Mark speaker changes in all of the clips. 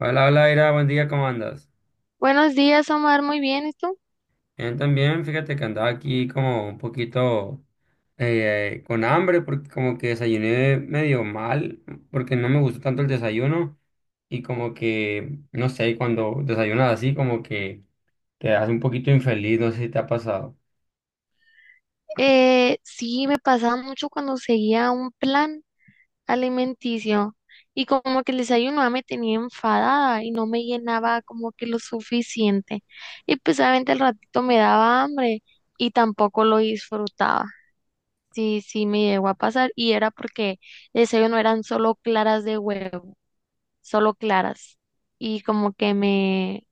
Speaker 1: Hola, hola, Ira, buen día, ¿cómo andas?
Speaker 2: Buenos días, Omar. Muy bien, ¿y tú?
Speaker 1: Bien, también, fíjate que andaba aquí como un poquito con hambre, porque como que desayuné medio mal, porque no me gustó tanto el desayuno, y como que, no sé, cuando desayunas así, como que te hace un poquito infeliz, no sé si te ha pasado.
Speaker 2: Sí, me pasaba mucho cuando seguía un plan alimenticio y como que el desayuno ya me tenía enfadada y no me llenaba como que lo suficiente. Y pues obviamente al ratito me daba hambre y tampoco lo disfrutaba. Sí, me llegó a pasar y era porque el desayuno eran solo claras de huevo, solo claras. Y como que me,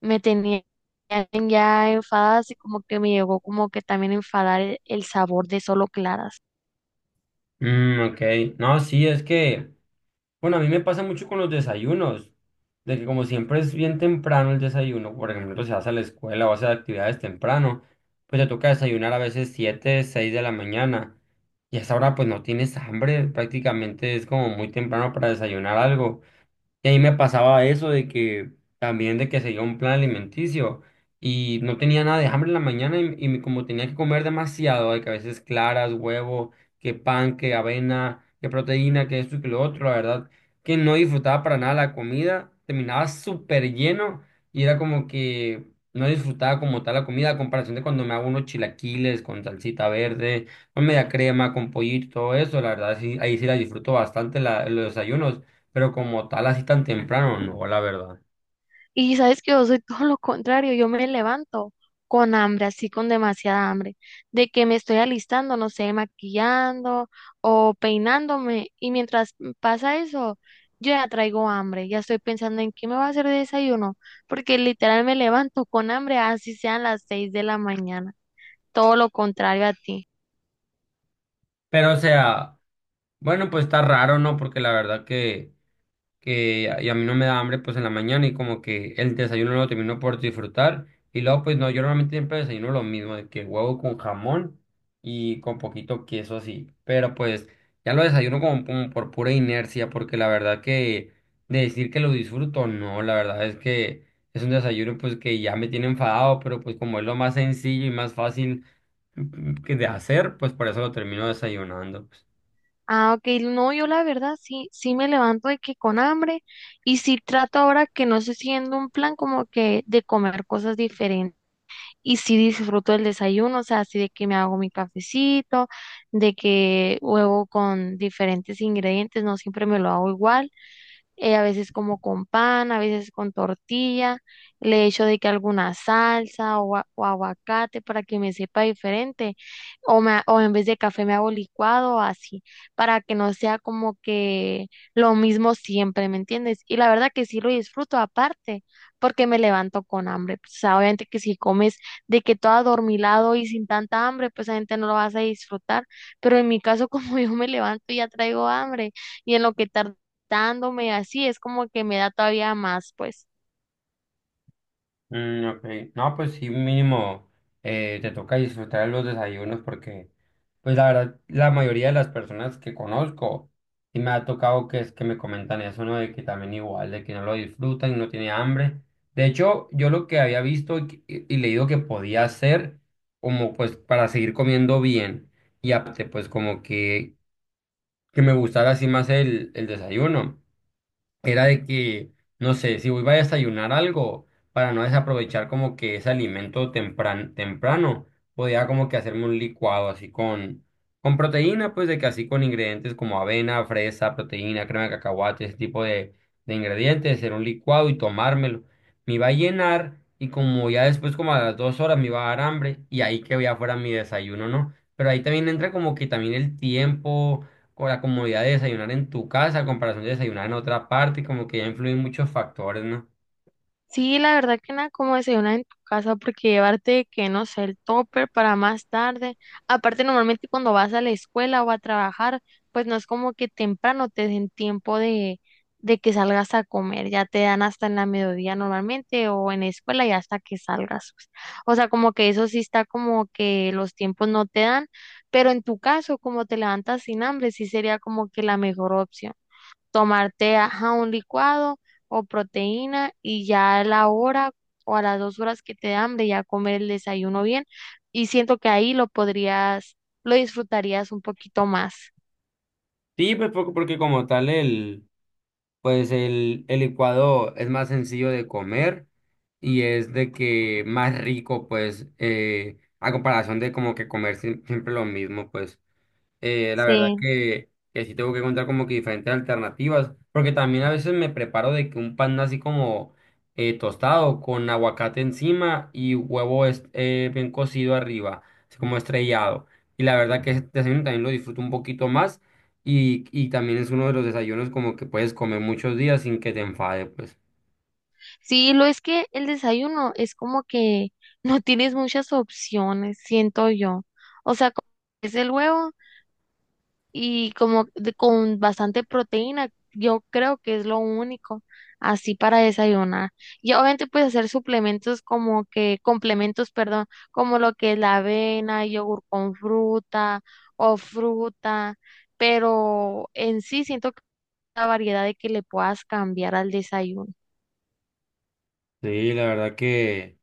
Speaker 2: me tenían ya enfadadas y como que me llegó como que también a enfadar el sabor de solo claras.
Speaker 1: Mm, ok, no, sí, es que... Bueno, a mí me pasa mucho con los desayunos, de que como siempre es bien temprano el desayuno, por ejemplo, se vas a la escuela o hace actividades temprano, pues te toca desayunar a veces 7 6 de la mañana. Y a esa hora pues no tienes hambre, prácticamente es como muy temprano para desayunar algo. Y ahí me pasaba eso de que también de que seguía un plan alimenticio y no tenía nada de hambre en la mañana y me- como tenía que comer demasiado, de que a veces claras, huevo, que pan, que avena, que proteína, que esto y que lo otro, la verdad que no disfrutaba para nada la comida, terminaba súper lleno y era como que no disfrutaba como tal la comida a comparación de cuando me hago unos chilaquiles con salsita verde, con media crema, con pollito, todo eso, la verdad sí, ahí sí la disfruto bastante la, los desayunos, pero como tal, así tan temprano, no, la verdad.
Speaker 2: Y sabes que yo soy todo lo contrario, yo me levanto con hambre, así con demasiada hambre, de que me estoy alistando, no sé, maquillando o peinándome y mientras pasa eso, yo ya traigo hambre, ya estoy pensando en qué me va a hacer de desayuno, porque literal me levanto con hambre, así sean las seis de la mañana, todo lo contrario a ti.
Speaker 1: Pero, o sea, bueno, pues está raro, ¿no? Porque la verdad que a- y a mí no me da hambre, pues en la mañana y como que el desayuno no lo termino por disfrutar. Y luego, pues no, yo normalmente siempre desayuno lo mismo, de que huevo con jamón y con poquito queso así. Pero pues ya lo desayuno como, como por pura inercia, porque la verdad que de decir que lo disfruto, no, la verdad es que es un desayuno pues que ya me tiene enfadado, pero pues como es lo más sencillo y más fácil que de hacer, pues por eso lo termino desayunando. Pues.
Speaker 2: Ah, ok, no, yo la verdad sí me levanto de que con hambre y sí trato ahora que no estoy siguiendo un plan como que de comer cosas diferentes y sí disfruto el desayuno, o sea, así de que me hago mi cafecito, de que huevo con diferentes ingredientes, no siempre me lo hago igual, a veces como con pan, a veces con tortilla, le echo de que alguna salsa o aguacate para que me sepa diferente, o, o en vez de café me hago licuado o así, para que no sea como que lo mismo siempre, ¿me entiendes? Y la verdad que sí lo disfruto aparte, porque me levanto con hambre, pues, o sea, obviamente que si comes de que todo adormilado y sin tanta hambre, pues obviamente no lo vas a disfrutar, pero en mi caso como yo me levanto y ya traigo hambre y en lo que tarda dándome así, es como que me da todavía más, pues.
Speaker 1: Mm, ok. No, pues sí, mínimo te toca disfrutar de los desayunos porque, pues la verdad, la mayoría de las personas que conozco, sí me ha tocado que es que me comentan eso, ¿no? De que también igual, de que no lo disfrutan y no tiene hambre. De hecho, yo lo que había visto y, que- y leído que podía hacer, como pues para seguir comiendo bien y aparte, pues como que me gustara así más el desayuno era de que, no sé, si voy a desayunar algo, para no desaprovechar como que ese alimento tempran- temprano, podía como que hacerme un licuado así con proteína, pues de que así con ingredientes como avena, fresa, proteína, crema de cacahuate, ese tipo de ingredientes, hacer un licuado y tomármelo. Me iba a llenar y como ya después como a las 2 horas me iba a dar hambre y ahí que ya fuera mi desayuno, ¿no? Pero ahí también entra como que también el tiempo o la comodidad de desayunar en tu casa a comparación de desayunar en otra parte, como que ya influyen muchos factores, ¿no?
Speaker 2: Sí, la verdad que nada como desayunar en tu casa porque llevarte, que no sé, el topper para más tarde. Aparte, normalmente cuando vas a la escuela o a trabajar, pues no es como que temprano te den tiempo de que salgas a comer, ya te dan hasta en la mediodía normalmente o en la escuela ya hasta que salgas, pues. O sea, como que eso sí está como que los tiempos no te dan, pero en tu caso, como te levantas sin hambre, sí sería como que la mejor opción. Tomarte, ajá, un licuado o proteína y ya a la hora o a las dos horas que te dé hambre ya comer el desayuno bien y siento que ahí lo podrías, lo disfrutarías un poquito más.
Speaker 1: Sí, pues porque como tal el, pues el licuado es más sencillo de comer y es de que más rico, pues, a comparación de como que comer sie- siempre lo mismo, pues. Eh, la verdad
Speaker 2: Sí,
Speaker 1: que sí tengo que encontrar como que diferentes alternativas, porque también a veces me preparo de que un pan así como tostado con aguacate encima y huevo es- bien cocido arriba, así como estrellado. Y la verdad que ese desayuno también lo disfruto un poquito más y también es uno de los desayunos como que puedes comer muchos días sin que te enfade, pues.
Speaker 2: sí, lo es que el desayuno es como que no tienes muchas opciones, siento yo. O sea, como es el huevo y con bastante proteína, yo creo que es lo único así para desayunar. Y obviamente puedes hacer suplementos como que, complementos, perdón, como lo que es la avena, yogur con fruta o fruta, pero en sí siento que la variedad de que le puedas cambiar al desayuno.
Speaker 1: Sí, la verdad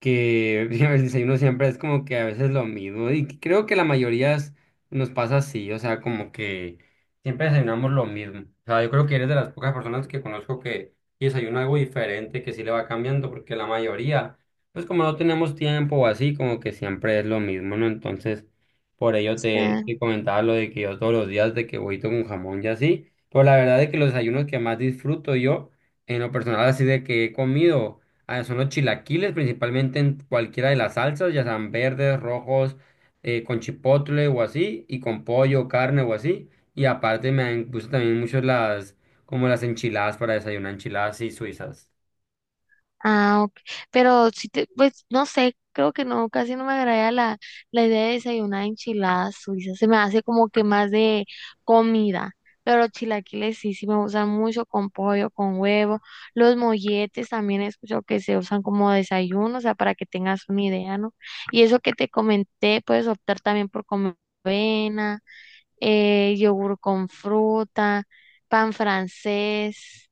Speaker 1: que ya el desayuno siempre es como que a veces lo mismo. Y que creo que la mayoría es- nos pasa así, o sea, como que siempre desayunamos lo mismo. O sea, yo creo que eres de las pocas personas que conozco que desayuna algo diferente, que sí le va cambiando, porque la mayoría, pues como no tenemos tiempo o así, como que siempre es lo mismo, ¿no? Entonces, por ello
Speaker 2: Sí.
Speaker 1: te, te comentaba lo de que yo todos los días de que huevito con jamón y así. Pero la verdad es que los desayunos que más disfruto yo, en lo personal, así de que he comido. Ah, son los chilaquiles, principalmente en cualquiera de las salsas, ya sean verdes, rojos, con chipotle o así, y con pollo, carne o así. Y aparte me gustan también mucho las, como las enchiladas para desayunar, enchiladas y suizas.
Speaker 2: Ah, ok. Pero si te, pues no sé, creo que no, casi no me agrada la idea de desayunar enchiladas suizas. Se me hace como que más de comida. Pero los chilaquiles sí me gustan mucho con pollo, con huevo. Los molletes también he escuchado que se usan como desayuno, o sea, para que tengas una idea, ¿no? Y eso que te comenté, puedes optar también por comer avena, yogur con fruta, pan francés.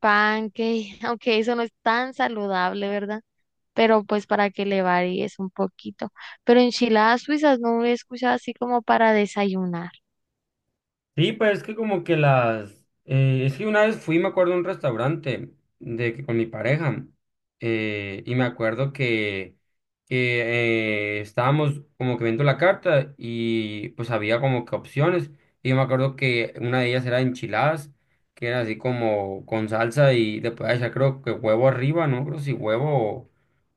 Speaker 2: Pancake, aunque eso no es tan saludable, ¿verdad? Pero pues para que le varíes un poquito. Pero enchiladas suizas no he escuchado así como para desayunar.
Speaker 1: Sí, pues es que como que las... es que una vez fui, me acuerdo, a un restaurante de que con mi pareja y me acuerdo que estábamos como que viendo la carta y pues había como que opciones y yo me acuerdo que una de ellas era enchiladas, que era así como con salsa y le podía echar creo que huevo arriba, no creo si huevo o,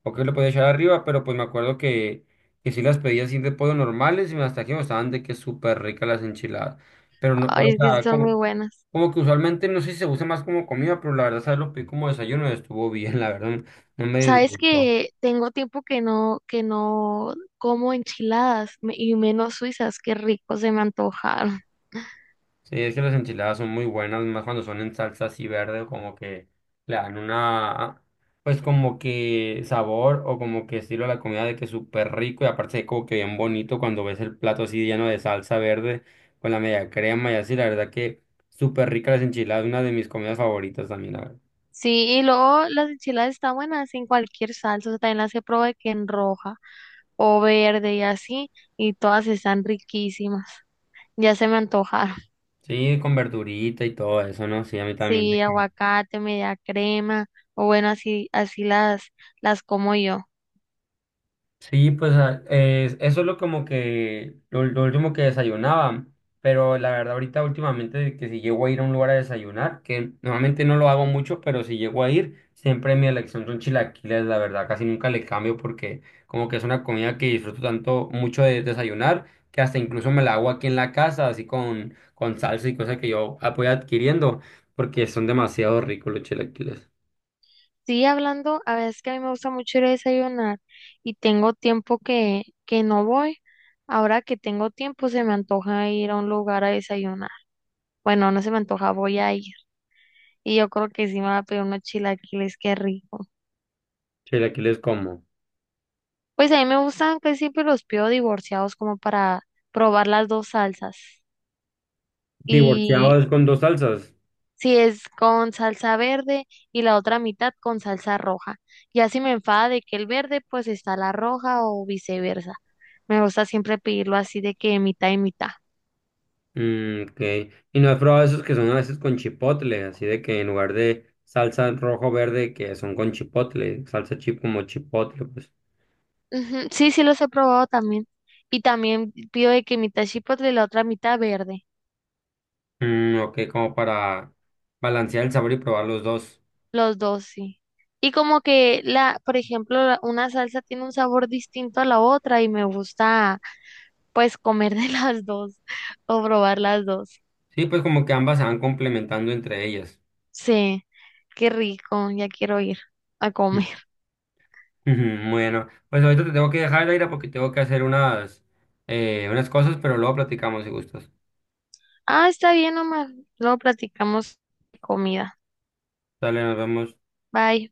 Speaker 1: o qué le podía echar arriba, pero pues me acuerdo que sí las pedía así de pollo normales y hasta aquí me estaban de que súper ricas las enchiladas. Pero no, pero,
Speaker 2: Ay,
Speaker 1: o
Speaker 2: es que sí
Speaker 1: sea,
Speaker 2: son muy
Speaker 1: como,
Speaker 2: buenas.
Speaker 1: como que usualmente no sé si se usa más como comida, pero la verdad, ¿sabes? Lo pedí como desayuno y estuvo bien, la verdad, no, no me
Speaker 2: Sabes
Speaker 1: disgustó.
Speaker 2: que tengo tiempo que no como y menos suizas, qué rico, se me antojaron.
Speaker 1: Sí, es que las enchiladas son muy buenas, más cuando son en salsa así verde, como que le dan una, pues como que sabor o como que estilo a la comida de que es súper rico y aparte como que bien bonito cuando ves el plato así lleno de salsa verde con la media crema y así, la verdad que súper rica las enchiladas, una de mis comidas favoritas también, la verdad.
Speaker 2: Sí, y luego las enchiladas están buenas en cualquier salsa, o sea, también las he probado de que en roja o verde y así, y todas están riquísimas. Ya se me antojaron.
Speaker 1: Sí, con verdurita y todo eso, ¿no? Sí, a mí también.
Speaker 2: Sí, aguacate, media crema, o bueno, así, así las como yo.
Speaker 1: Sí, pues a- es- eso es lo como que lo último que desayunaba, pero la verdad ahorita últimamente que si llego a ir a un lugar a desayunar, que normalmente no lo hago mucho, pero si llego a ir, siempre mi elección son chilaquiles, la verdad, casi nunca le cambio porque como que es una comida que disfruto tanto mucho de desayunar, que hasta incluso me la hago aquí en la casa, así con salsa y cosas que yo ah, voy adquiriendo, porque son demasiado ricos los chilaquiles.
Speaker 2: Sí, hablando, a veces que a mí me gusta mucho ir a desayunar y tengo tiempo que no voy. Ahora que tengo tiempo, se me antoja ir a un lugar a desayunar. Bueno, no se me antoja, voy a ir. Y yo creo que sí me va a pedir unos chilaquiles, qué rico.
Speaker 1: Chilaquiles como
Speaker 2: Pues a mí me gustan, casi siempre los pido divorciados como para probar las dos salsas. Y
Speaker 1: divorciados con dos salsas.
Speaker 2: si es con salsa verde y la otra mitad con salsa roja. Ya si me enfada de que el verde, pues está la roja o viceversa. Me gusta siempre pedirlo así de que mitad y mitad.
Speaker 1: Mm, ok. ¿Y no has probado esos que son a veces con chipotle? Así de que en lugar de salsa rojo-verde, que son con chipotle, salsa chip como chipotle, pues.
Speaker 2: Ujú. Sí, los he probado también. Y también pido de que mitad chipotle y la otra mitad verde.
Speaker 1: Mm, ok, como para balancear el sabor y probar los dos.
Speaker 2: Los dos, sí. Y como que la, por ejemplo, la- una salsa tiene un sabor distinto a la otra y me gusta pues comer de las dos o probar las dos.
Speaker 1: Sí, pues como que ambas se van complementando entre ellas.
Speaker 2: Sí. Qué rico, ya quiero ir a
Speaker 1: Mm.
Speaker 2: comer.
Speaker 1: Ujú. Bueno, pues ahorita te tengo que dejar, Aira, porque tengo que hacer unas, unas cosas, pero luego platicamos si gustas.
Speaker 2: Ah, está bien, Omar. Luego platicamos de comida.
Speaker 1: Dale, nos vemos.
Speaker 2: Bye.